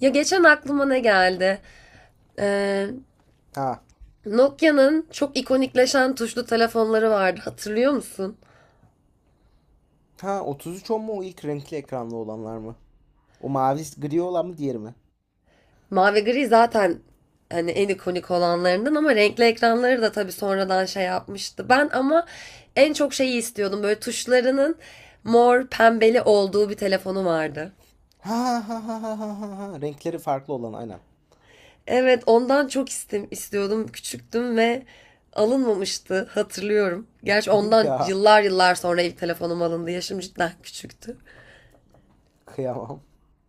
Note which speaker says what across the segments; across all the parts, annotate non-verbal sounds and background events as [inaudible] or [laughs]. Speaker 1: Ya geçen aklıma ne geldi? Ee,
Speaker 2: Ha.
Speaker 1: Nokia'nın çok ikonikleşen tuşlu telefonları vardı. Hatırlıyor musun?
Speaker 2: Ha 33 10 mu o ilk renkli ekranlı olanlar mı? O mavi gri olan mı diğeri mi?
Speaker 1: Mavi gri zaten hani en ikonik olanlarından ama renkli ekranları da tabii sonradan şey yapmıştı. Ben ama en çok şeyi istiyordum. Böyle tuşlarının mor pembeli olduğu bir telefonu vardı.
Speaker 2: Ha ha ha ha ha ha ha. Renkleri farklı olan aynen.
Speaker 1: Evet, ondan çok istiyordum. Küçüktüm ve alınmamıştı hatırlıyorum. Gerçi
Speaker 2: [laughs]
Speaker 1: ondan
Speaker 2: Ya
Speaker 1: yıllar yıllar sonra ilk telefonum alındı. Yaşım cidden küçüktü.
Speaker 2: kıyamam.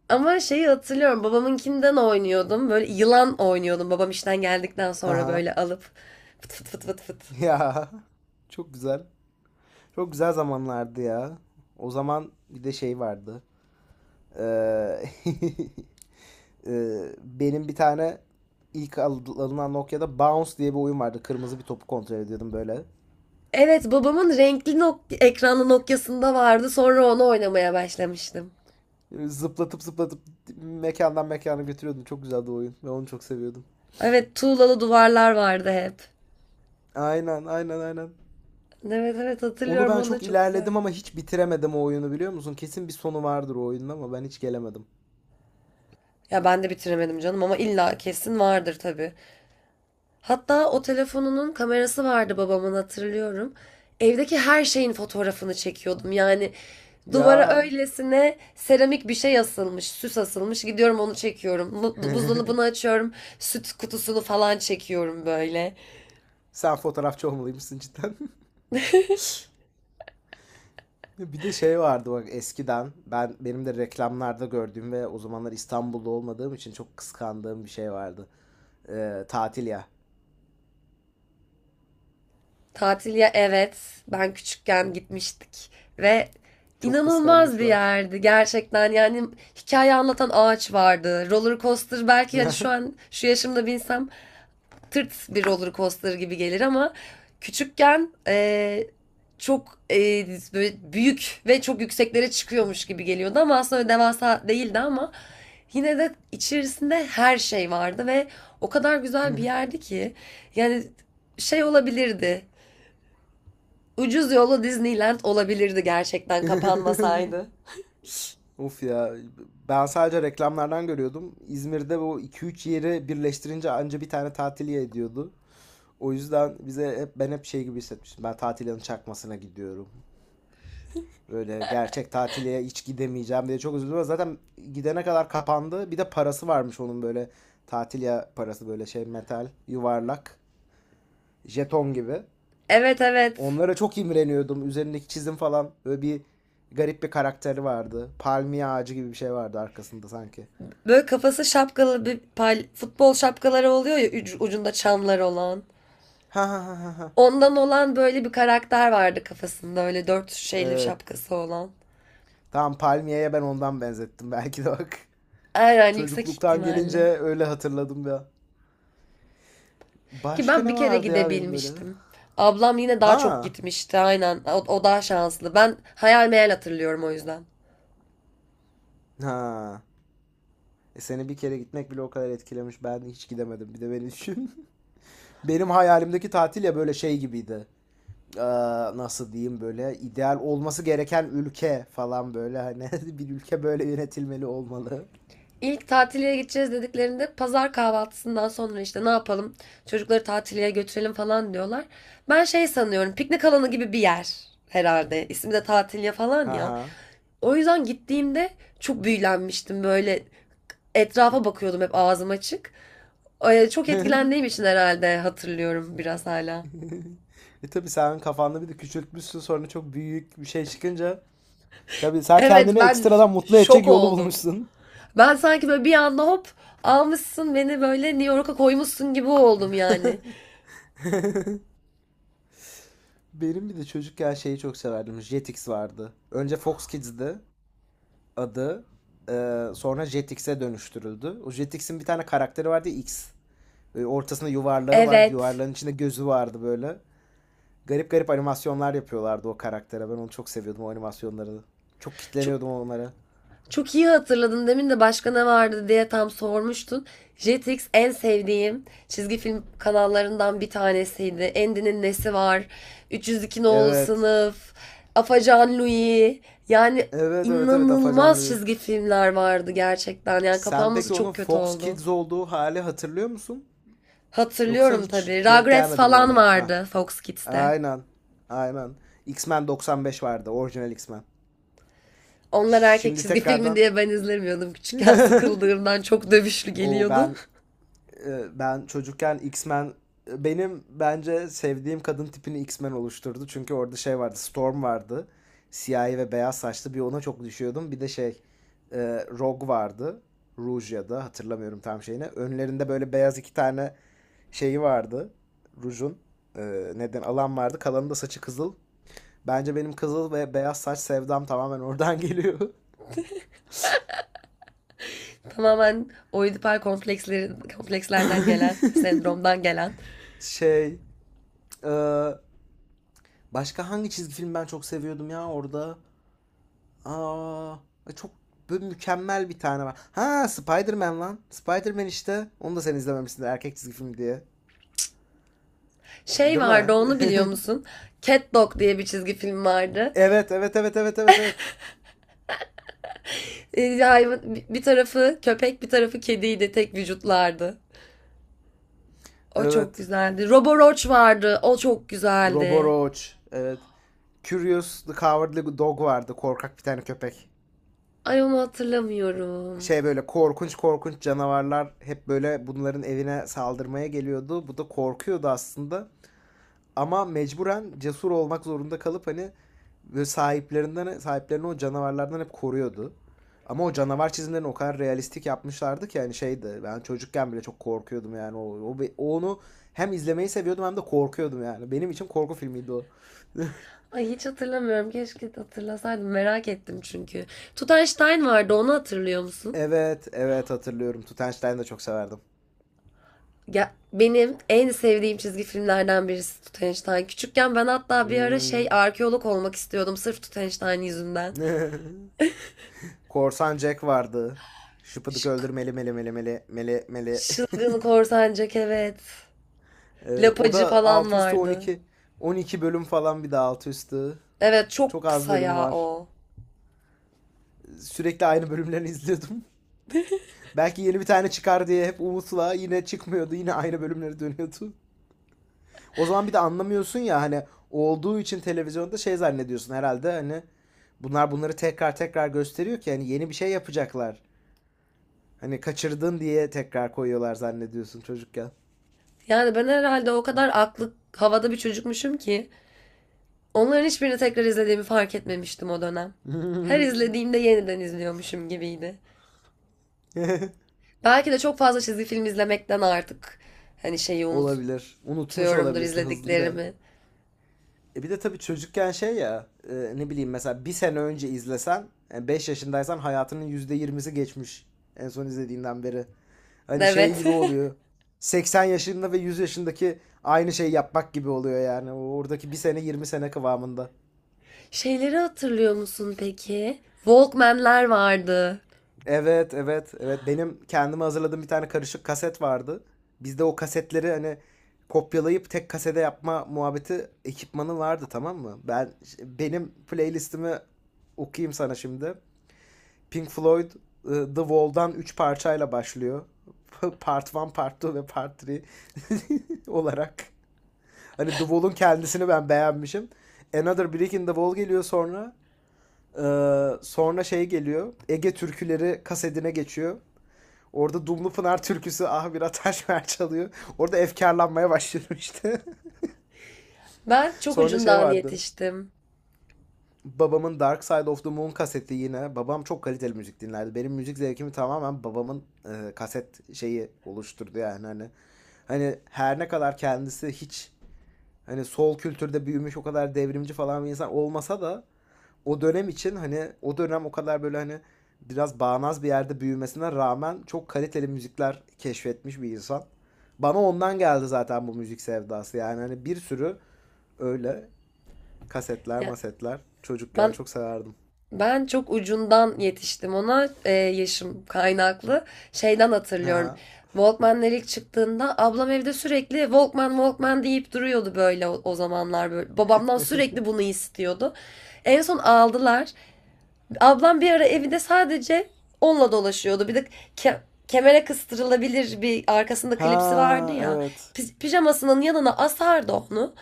Speaker 1: Ama şeyi hatırlıyorum babamınkinden oynuyordum. Böyle yılan oynuyordum babam işten geldikten
Speaker 2: Ha
Speaker 1: sonra
Speaker 2: ha.
Speaker 1: böyle alıp fıt fıt fıt fıt fıt.
Speaker 2: Ya. Çok güzel. Çok güzel zamanlardı ya. O zaman bir de şey vardı. Ee, [laughs] benim bir tane ilk alınan Nokia'da Bounce diye bir oyun vardı. Kırmızı bir topu kontrol ediyordum böyle.
Speaker 1: Evet babamın renkli ekranlı Nokia'sında vardı. Sonra onu oynamaya başlamıştım.
Speaker 2: Zıplatıp zıplatıp mekandan mekana götürüyordum. Çok güzeldi o oyun. Ben onu çok seviyordum.
Speaker 1: Evet tuğlalı duvarlar vardı hep.
Speaker 2: Aynen, aynen, aynen.
Speaker 1: Evet
Speaker 2: Onu
Speaker 1: hatırlıyorum
Speaker 2: ben
Speaker 1: o da
Speaker 2: çok
Speaker 1: çok
Speaker 2: ilerledim
Speaker 1: güzeldi.
Speaker 2: ama hiç bitiremedim o oyunu, biliyor musun? Kesin bir sonu vardır o oyunun ama ben hiç gelemedim.
Speaker 1: Ya ben de bitiremedim canım ama illa kesin vardır tabii. Hatta o telefonunun kamerası vardı babamın hatırlıyorum. Evdeki her şeyin fotoğrafını çekiyordum. Yani duvara
Speaker 2: Ya,
Speaker 1: öylesine seramik bir şey asılmış, süs asılmış. Gidiyorum onu çekiyorum. Buzdolabını açıyorum, süt kutusunu falan çekiyorum böyle.
Speaker 2: sen fotoğrafçı olmalıymışsın cidden. [laughs] Bir de şey vardı bak, eskiden ben benim de reklamlarda gördüğüm ve o zamanlar İstanbul'da olmadığım için çok kıskandığım bir şey vardı. Tatil ya.
Speaker 1: Tatil ya evet, ben küçükken gitmiştik ve
Speaker 2: Çok kıskandım
Speaker 1: inanılmaz bir
Speaker 2: şu an.
Speaker 1: yerdi gerçekten. Yani hikaye anlatan ağaç vardı. Roller coaster belki hani şu an şu yaşımda binsem tırt bir roller coaster gibi gelir ama küçükken çok böyle büyük ve çok yükseklere çıkıyormuş gibi geliyordu ama aslında devasa değildi ama yine de içerisinde her şey vardı ve o kadar güzel bir
Speaker 2: [laughs]
Speaker 1: yerdi ki yani şey olabilirdi. Ucuz yolu Disneyland olabilirdi gerçekten kapanmasaydı.
Speaker 2: Of ya, ben sadece reklamlardan görüyordum. İzmir'de bu iki üç yeri birleştirince anca bir tane tatil ediyordu. O yüzden bize hep, ben hep şey gibi hissetmiştim. Ben tatilin çakmasına gidiyorum. Böyle gerçek tatile hiç gidemeyeceğim diye çok üzüldüm. Zaten gidene kadar kapandı. Bir de parası varmış onun, böyle tatil ya, parası böyle şey, metal, yuvarlak, jeton gibi.
Speaker 1: Evet evet.
Speaker 2: Onlara çok imreniyordum. Üzerindeki çizim falan, böyle bir garip bir karakteri vardı. Palmiye ağacı gibi bir şey vardı arkasında sanki.
Speaker 1: Böyle kafası şapkalı bir futbol şapkaları oluyor ya ucunda çanlar olan.
Speaker 2: Ha ha ha ha ha.
Speaker 1: Ondan olan böyle bir karakter vardı kafasında. Öyle dört şeyli
Speaker 2: Evet.
Speaker 1: şapkası olan.
Speaker 2: Tamam, palmiyeye ben ondan benzettim [laughs] belki de bak.
Speaker 1: Aynen yüksek
Speaker 2: Çocukluktan gelince
Speaker 1: ihtimalle.
Speaker 2: öyle hatırladım ya.
Speaker 1: Ki
Speaker 2: Başka
Speaker 1: ben
Speaker 2: ne
Speaker 1: bir kere
Speaker 2: vardı ya benim böyle?
Speaker 1: gidebilmiştim. Ablam yine daha çok
Speaker 2: Ha.
Speaker 1: gitmişti. Aynen. O daha şanslı. Ben hayal meyal hatırlıyorum o yüzden.
Speaker 2: Ha. E, seni bir kere gitmek bile o kadar etkilemiş. Ben hiç gidemedim. Bir de beni düşün. [laughs] Benim hayalimdeki tatil ya böyle şey gibiydi. Ee, nasıl diyeyim, böyle ideal olması gereken ülke falan, böyle hani [laughs] bir ülke böyle yönetilmeli, olmalı.
Speaker 1: İlk tatiliye gideceğiz dediklerinde pazar kahvaltısından sonra işte ne yapalım? Çocukları tatiliye götürelim falan diyorlar. Ben şey sanıyorum piknik alanı gibi bir yer herhalde. İsmi de tatiliye falan
Speaker 2: Haha
Speaker 1: ya.
Speaker 2: ha.
Speaker 1: O yüzden gittiğimde çok büyülenmiştim böyle etrafa bakıyordum hep ağzım açık. Çok etkilendiğim için herhalde hatırlıyorum biraz hala.
Speaker 2: E tabii, sen kafanda bir de küçültmüşsün sonra, çok büyük bir şey çıkınca. Tabi sen
Speaker 1: Evet
Speaker 2: kendini
Speaker 1: ben
Speaker 2: ekstradan mutlu
Speaker 1: şok
Speaker 2: edecek yolu
Speaker 1: oldum.
Speaker 2: bulmuşsun.
Speaker 1: Ben sanki böyle bir anda hop almışsın beni böyle New York'a koymuşsun gibi oldum yani.
Speaker 2: Benim bir de çocukken şeyi çok severdim. Jetix vardı. Önce Fox Kids'di adı, sonra Jetix'e dönüştürüldü. O Jetix'in bir tane karakteri vardı, X. Böyle ortasında yuvarlağı var.
Speaker 1: Evet.
Speaker 2: Yuvarlağın içinde gözü vardı böyle. Garip garip animasyonlar yapıyorlardı o karaktere. Ben onu çok seviyordum, o animasyonları. Çok
Speaker 1: Çok,
Speaker 2: kitleniyordum onlara.
Speaker 1: Çok iyi hatırladın. Demin de başka ne vardı diye tam sormuştun. Jetix en sevdiğim çizgi film kanallarından bir tanesiydi. Endi'nin Nesi Var, 302 Nolu
Speaker 2: Evet.
Speaker 1: Sınıf, Afacan Louie. Yani
Speaker 2: Evet evet evet, Afacan
Speaker 1: inanılmaz
Speaker 2: Louis.
Speaker 1: çizgi filmler vardı gerçekten. Yani
Speaker 2: Sen
Speaker 1: kapanması
Speaker 2: peki onun
Speaker 1: çok kötü
Speaker 2: Fox
Speaker 1: oldu.
Speaker 2: Kids olduğu hali hatırlıyor musun? Yoksa
Speaker 1: Hatırlıyorum
Speaker 2: hiç
Speaker 1: tabii.
Speaker 2: denk
Speaker 1: Rugrats
Speaker 2: gelmedin mi
Speaker 1: falan
Speaker 2: ona? Ha.
Speaker 1: vardı Fox Kids'te.
Speaker 2: Aynen. Aynen. X-Men 95 vardı. Orijinal X-Men.
Speaker 1: Onlar erkek
Speaker 2: Şimdi
Speaker 1: çizgi filmi
Speaker 2: tekrardan
Speaker 1: diye ben izlemiyordum küçükken. Sıkıldığımdan çok dövüşlü
Speaker 2: o
Speaker 1: geliyordu.
Speaker 2: ben ben çocukken X-Men, benim bence sevdiğim kadın tipini X-Men oluşturdu. Çünkü orada şey vardı, Storm vardı. Siyahi ve beyaz saçlı bir, ona çok düşüyordum. Bir de şey, e, Rogue vardı. Rouge ya da, hatırlamıyorum tam şeyini. Önlerinde böyle beyaz iki tane şeyi vardı. Rouge'un neden alan vardı. Kalanı da saçı kızıl. Bence benim kızıl ve beyaz saç sevdam tamamen oradan geliyor. [laughs]
Speaker 1: Tamamen oidipal komplekslerden gelen, sendromdan gelen.
Speaker 2: Şey, e, başka hangi çizgi film ben çok seviyordum ya orada? Aa, çok böyle mükemmel bir tane var. Ha, Spider-Man lan. Spider-Man işte. Onu da sen izlememişsin erkek çizgi film diye.
Speaker 1: Şey
Speaker 2: Değil mi?
Speaker 1: vardı onu biliyor
Speaker 2: [laughs]
Speaker 1: musun? Cat Dog diye bir çizgi film vardı.
Speaker 2: Evet, evet, evet, evet, evet, evet.
Speaker 1: Hayvan, bir tarafı köpek bir tarafı kediydi. Tek vücutlardı. O çok
Speaker 2: Evet.
Speaker 1: güzeldi. Roboroach vardı. O çok
Speaker 2: Robo
Speaker 1: güzeldi.
Speaker 2: Roach. Evet. Curious the Cowardly Dog vardı. Korkak bir tane köpek.
Speaker 1: Ay onu hatırlamıyorum.
Speaker 2: Şey, böyle korkunç korkunç canavarlar hep böyle bunların evine saldırmaya geliyordu. Bu da korkuyordu aslında. Ama mecburen cesur olmak zorunda kalıp hani sahiplerini o canavarlardan hep koruyordu. Ama o canavar çizimlerini o kadar realistik yapmışlardı ki yani şeydi, ben çocukken bile çok korkuyordum yani o, o onu hem izlemeyi seviyordum hem de korkuyordum yani. Benim için korku filmiydi o. [laughs]
Speaker 1: Ay hiç hatırlamıyorum. Keşke hatırlasaydım. Merak ettim çünkü. Tutanstein vardı. Onu hatırlıyor musun?
Speaker 2: Evet, evet hatırlıyorum. Tutenstein'i de çok severdim.
Speaker 1: Ya benim en sevdiğim çizgi filmlerden birisi Tutenstein. Küçükken ben hatta bir ara
Speaker 2: Hmm.
Speaker 1: şey arkeolog olmak istiyordum sırf Tutenstein yüzünden.
Speaker 2: [laughs] Korsan Jack vardı. Şıpıdık
Speaker 1: Ş-
Speaker 2: öldür meli meli meli meli meli meli.
Speaker 1: Şılgın korsancak evet.
Speaker 2: O
Speaker 1: Lapacı
Speaker 2: da
Speaker 1: falan
Speaker 2: 6 üstü
Speaker 1: vardı.
Speaker 2: 12. 12 bölüm falan bir de 6 üstü.
Speaker 1: Evet
Speaker 2: Çok
Speaker 1: çok
Speaker 2: az
Speaker 1: kısa
Speaker 2: bölümü
Speaker 1: ya
Speaker 2: var.
Speaker 1: o.
Speaker 2: Sürekli aynı bölümlerini izliyordum. [laughs] Belki yeni bir tane çıkar diye hep umutla, yine çıkmıyordu. Yine aynı bölümleri dönüyordu. O zaman bir de anlamıyorsun ya, hani olduğu için televizyonda şey zannediyorsun herhalde, hani bunlar bunları tekrar tekrar gösteriyor ki hani yeni bir şey yapacaklar. Hani kaçırdın diye tekrar koyuyorlar zannediyorsun çocukken.
Speaker 1: Yani ben herhalde o kadar aklı havada bir çocukmuşum ki onların hiçbirini tekrar izlediğimi fark etmemiştim o dönem. Her izlediğimde yeniden izliyormuşum gibiydi.
Speaker 2: [laughs]
Speaker 1: Belki de çok fazla çizgi film izlemekten artık hani şeyi unutuyorumdur
Speaker 2: Olabilir. Unutmuş olabilirsin hızlı bir de.
Speaker 1: izlediklerimi.
Speaker 2: E bir de tabii çocukken şey ya, ne bileyim, mesela bir sene önce izlesen, 5 yaşındaysan hayatının %20'si geçmiş en son izlediğinden beri. Hani şey
Speaker 1: Evet.
Speaker 2: gibi oluyor. 80 yaşında ve 100 yaşındaki aynı şeyi yapmak gibi oluyor yani. Oradaki bir sene 20 sene kıvamında.
Speaker 1: [laughs] Şeyleri hatırlıyor musun peki? Walkman'ler vardı.
Speaker 2: Evet evet evet, benim kendime hazırladığım bir tane karışık kaset vardı. Bizde o kasetleri hani kopyalayıp tek kasede yapma muhabbeti, ekipmanı vardı, tamam mı? Ben benim playlistimi okuyayım sana şimdi. Pink Floyd, The Wall'dan 3 parçayla başlıyor. [laughs] Part 1, Part 2 ve Part 3 [laughs] olarak. Hani The Wall'un kendisini ben beğenmişim. Another Brick in the Wall geliyor sonra. Sonra şey geliyor. Ege türküleri kasedine geçiyor. Orada Dumlu Pınar türküsü ah bir ataş [laughs] ver çalıyor. Orada efkarlanmaya başladım işte.
Speaker 1: Ben
Speaker 2: [laughs]
Speaker 1: çok
Speaker 2: Sonra şey
Speaker 1: ucundan
Speaker 2: vardı.
Speaker 1: yetiştim.
Speaker 2: Babamın Dark Side of the Moon kaseti yine. Babam çok kaliteli müzik dinlerdi. Benim müzik zevkimi tamamen babamın kaset şeyi oluşturdu yani hani. Hani her ne kadar kendisi hiç hani sol kültürde büyümüş o kadar devrimci falan bir insan olmasa da, o dönem için hani, o dönem o kadar böyle hani biraz bağnaz bir yerde büyümesine rağmen çok kaliteli müzikler keşfetmiş bir insan. Bana ondan geldi zaten bu müzik sevdası. Yani hani bir sürü öyle kasetler,
Speaker 1: Ya
Speaker 2: masetler çocukken
Speaker 1: ben
Speaker 2: çok severdim.
Speaker 1: ben çok ucundan yetiştim ona yaşım kaynaklı. Şeyden hatırlıyorum.
Speaker 2: Ha.
Speaker 1: Walkman'ler ilk çıktığında ablam evde sürekli Walkman Walkman deyip duruyordu böyle o zamanlar böyle. Babamdan sürekli bunu istiyordu. En son aldılar. Ablam bir ara evinde sadece onunla dolaşıyordu. Bir de ke- kemere kıstırılabilir bir arkasında klipsi vardı
Speaker 2: Ha
Speaker 1: ya.
Speaker 2: evet.
Speaker 1: Pijamasının yanına asardı onu.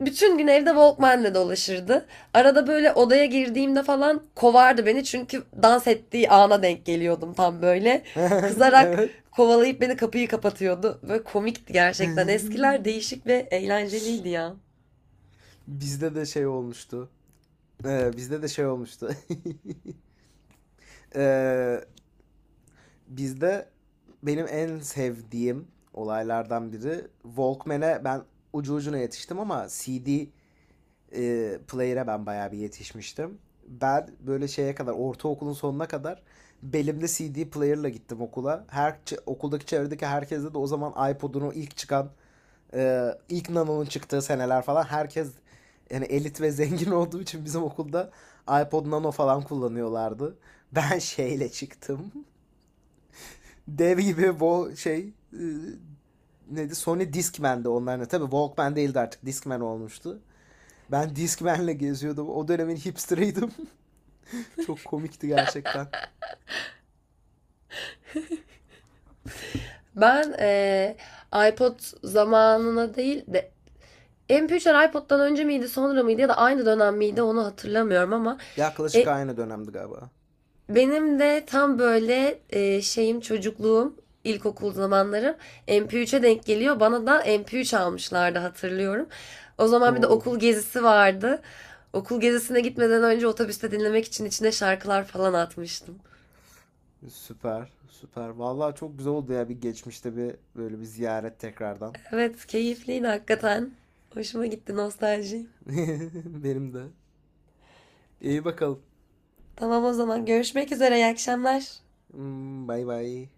Speaker 1: Bütün gün evde Walkman'le dolaşırdı. Arada böyle odaya girdiğimde falan kovardı beni çünkü dans ettiği ana denk geliyordum tam böyle.
Speaker 2: [laughs]
Speaker 1: Kızarak
Speaker 2: Evet.
Speaker 1: kovalayıp beni kapıyı kapatıyordu. Böyle komikti gerçekten.
Speaker 2: [laughs]
Speaker 1: Eskiler değişik ve eğlenceliydi ya.
Speaker 2: Bizde de şey olmuştu. Bizde de şey olmuştu. [laughs] Ee, bizde benim en sevdiğim olaylardan biri, Walkman'e ben ucu ucuna yetiştim ama CD Player'e ben bayağı bir yetişmiştim. Ben böyle şeye kadar, ortaokulun sonuna kadar belimde CD player'la gittim okula. Her okuldaki, çevredeki herkeste de o zaman iPod'un o ilk çıkan, ilk Nano'nun çıktığı seneler falan, herkes yani elit ve zengin [laughs] olduğu için bizim okulda, iPod Nano falan kullanıyorlardı. Ben şeyle çıktım. [laughs] Dev gibi bu şey, neydi, Sony Discman'dı onların. Tabii Walkman değildi artık, Discman olmuştu. Ben Discman'le geziyordum. O dönemin hipsterıydım. [laughs] Çok komikti gerçekten.
Speaker 1: Ben iPod zamanına değil de MP3'ler iPod'dan önce miydi, sonra mıydı ya da aynı dönem miydi onu hatırlamıyorum ama
Speaker 2: Yaklaşık
Speaker 1: e,
Speaker 2: aynı dönemdi galiba.
Speaker 1: benim de tam böyle şeyim çocukluğum, ilkokul zamanlarım MP3'e denk geliyor. Bana da MP3 almışlardı hatırlıyorum. O zaman bir de
Speaker 2: Oo,
Speaker 1: okul gezisi vardı. Okul gezisine gitmeden önce otobüste dinlemek için içine şarkılar falan atmıştım.
Speaker 2: süper, süper. Vallahi çok güzel oldu ya, bir geçmişte bir böyle bir ziyaret tekrardan.
Speaker 1: Evet, keyifliydi hakikaten. Hoşuma gitti nostalji.
Speaker 2: [laughs] Benim de. İyi bakalım.
Speaker 1: Tamam o zaman görüşmek üzere, iyi akşamlar.
Speaker 2: Hmm, bay bay.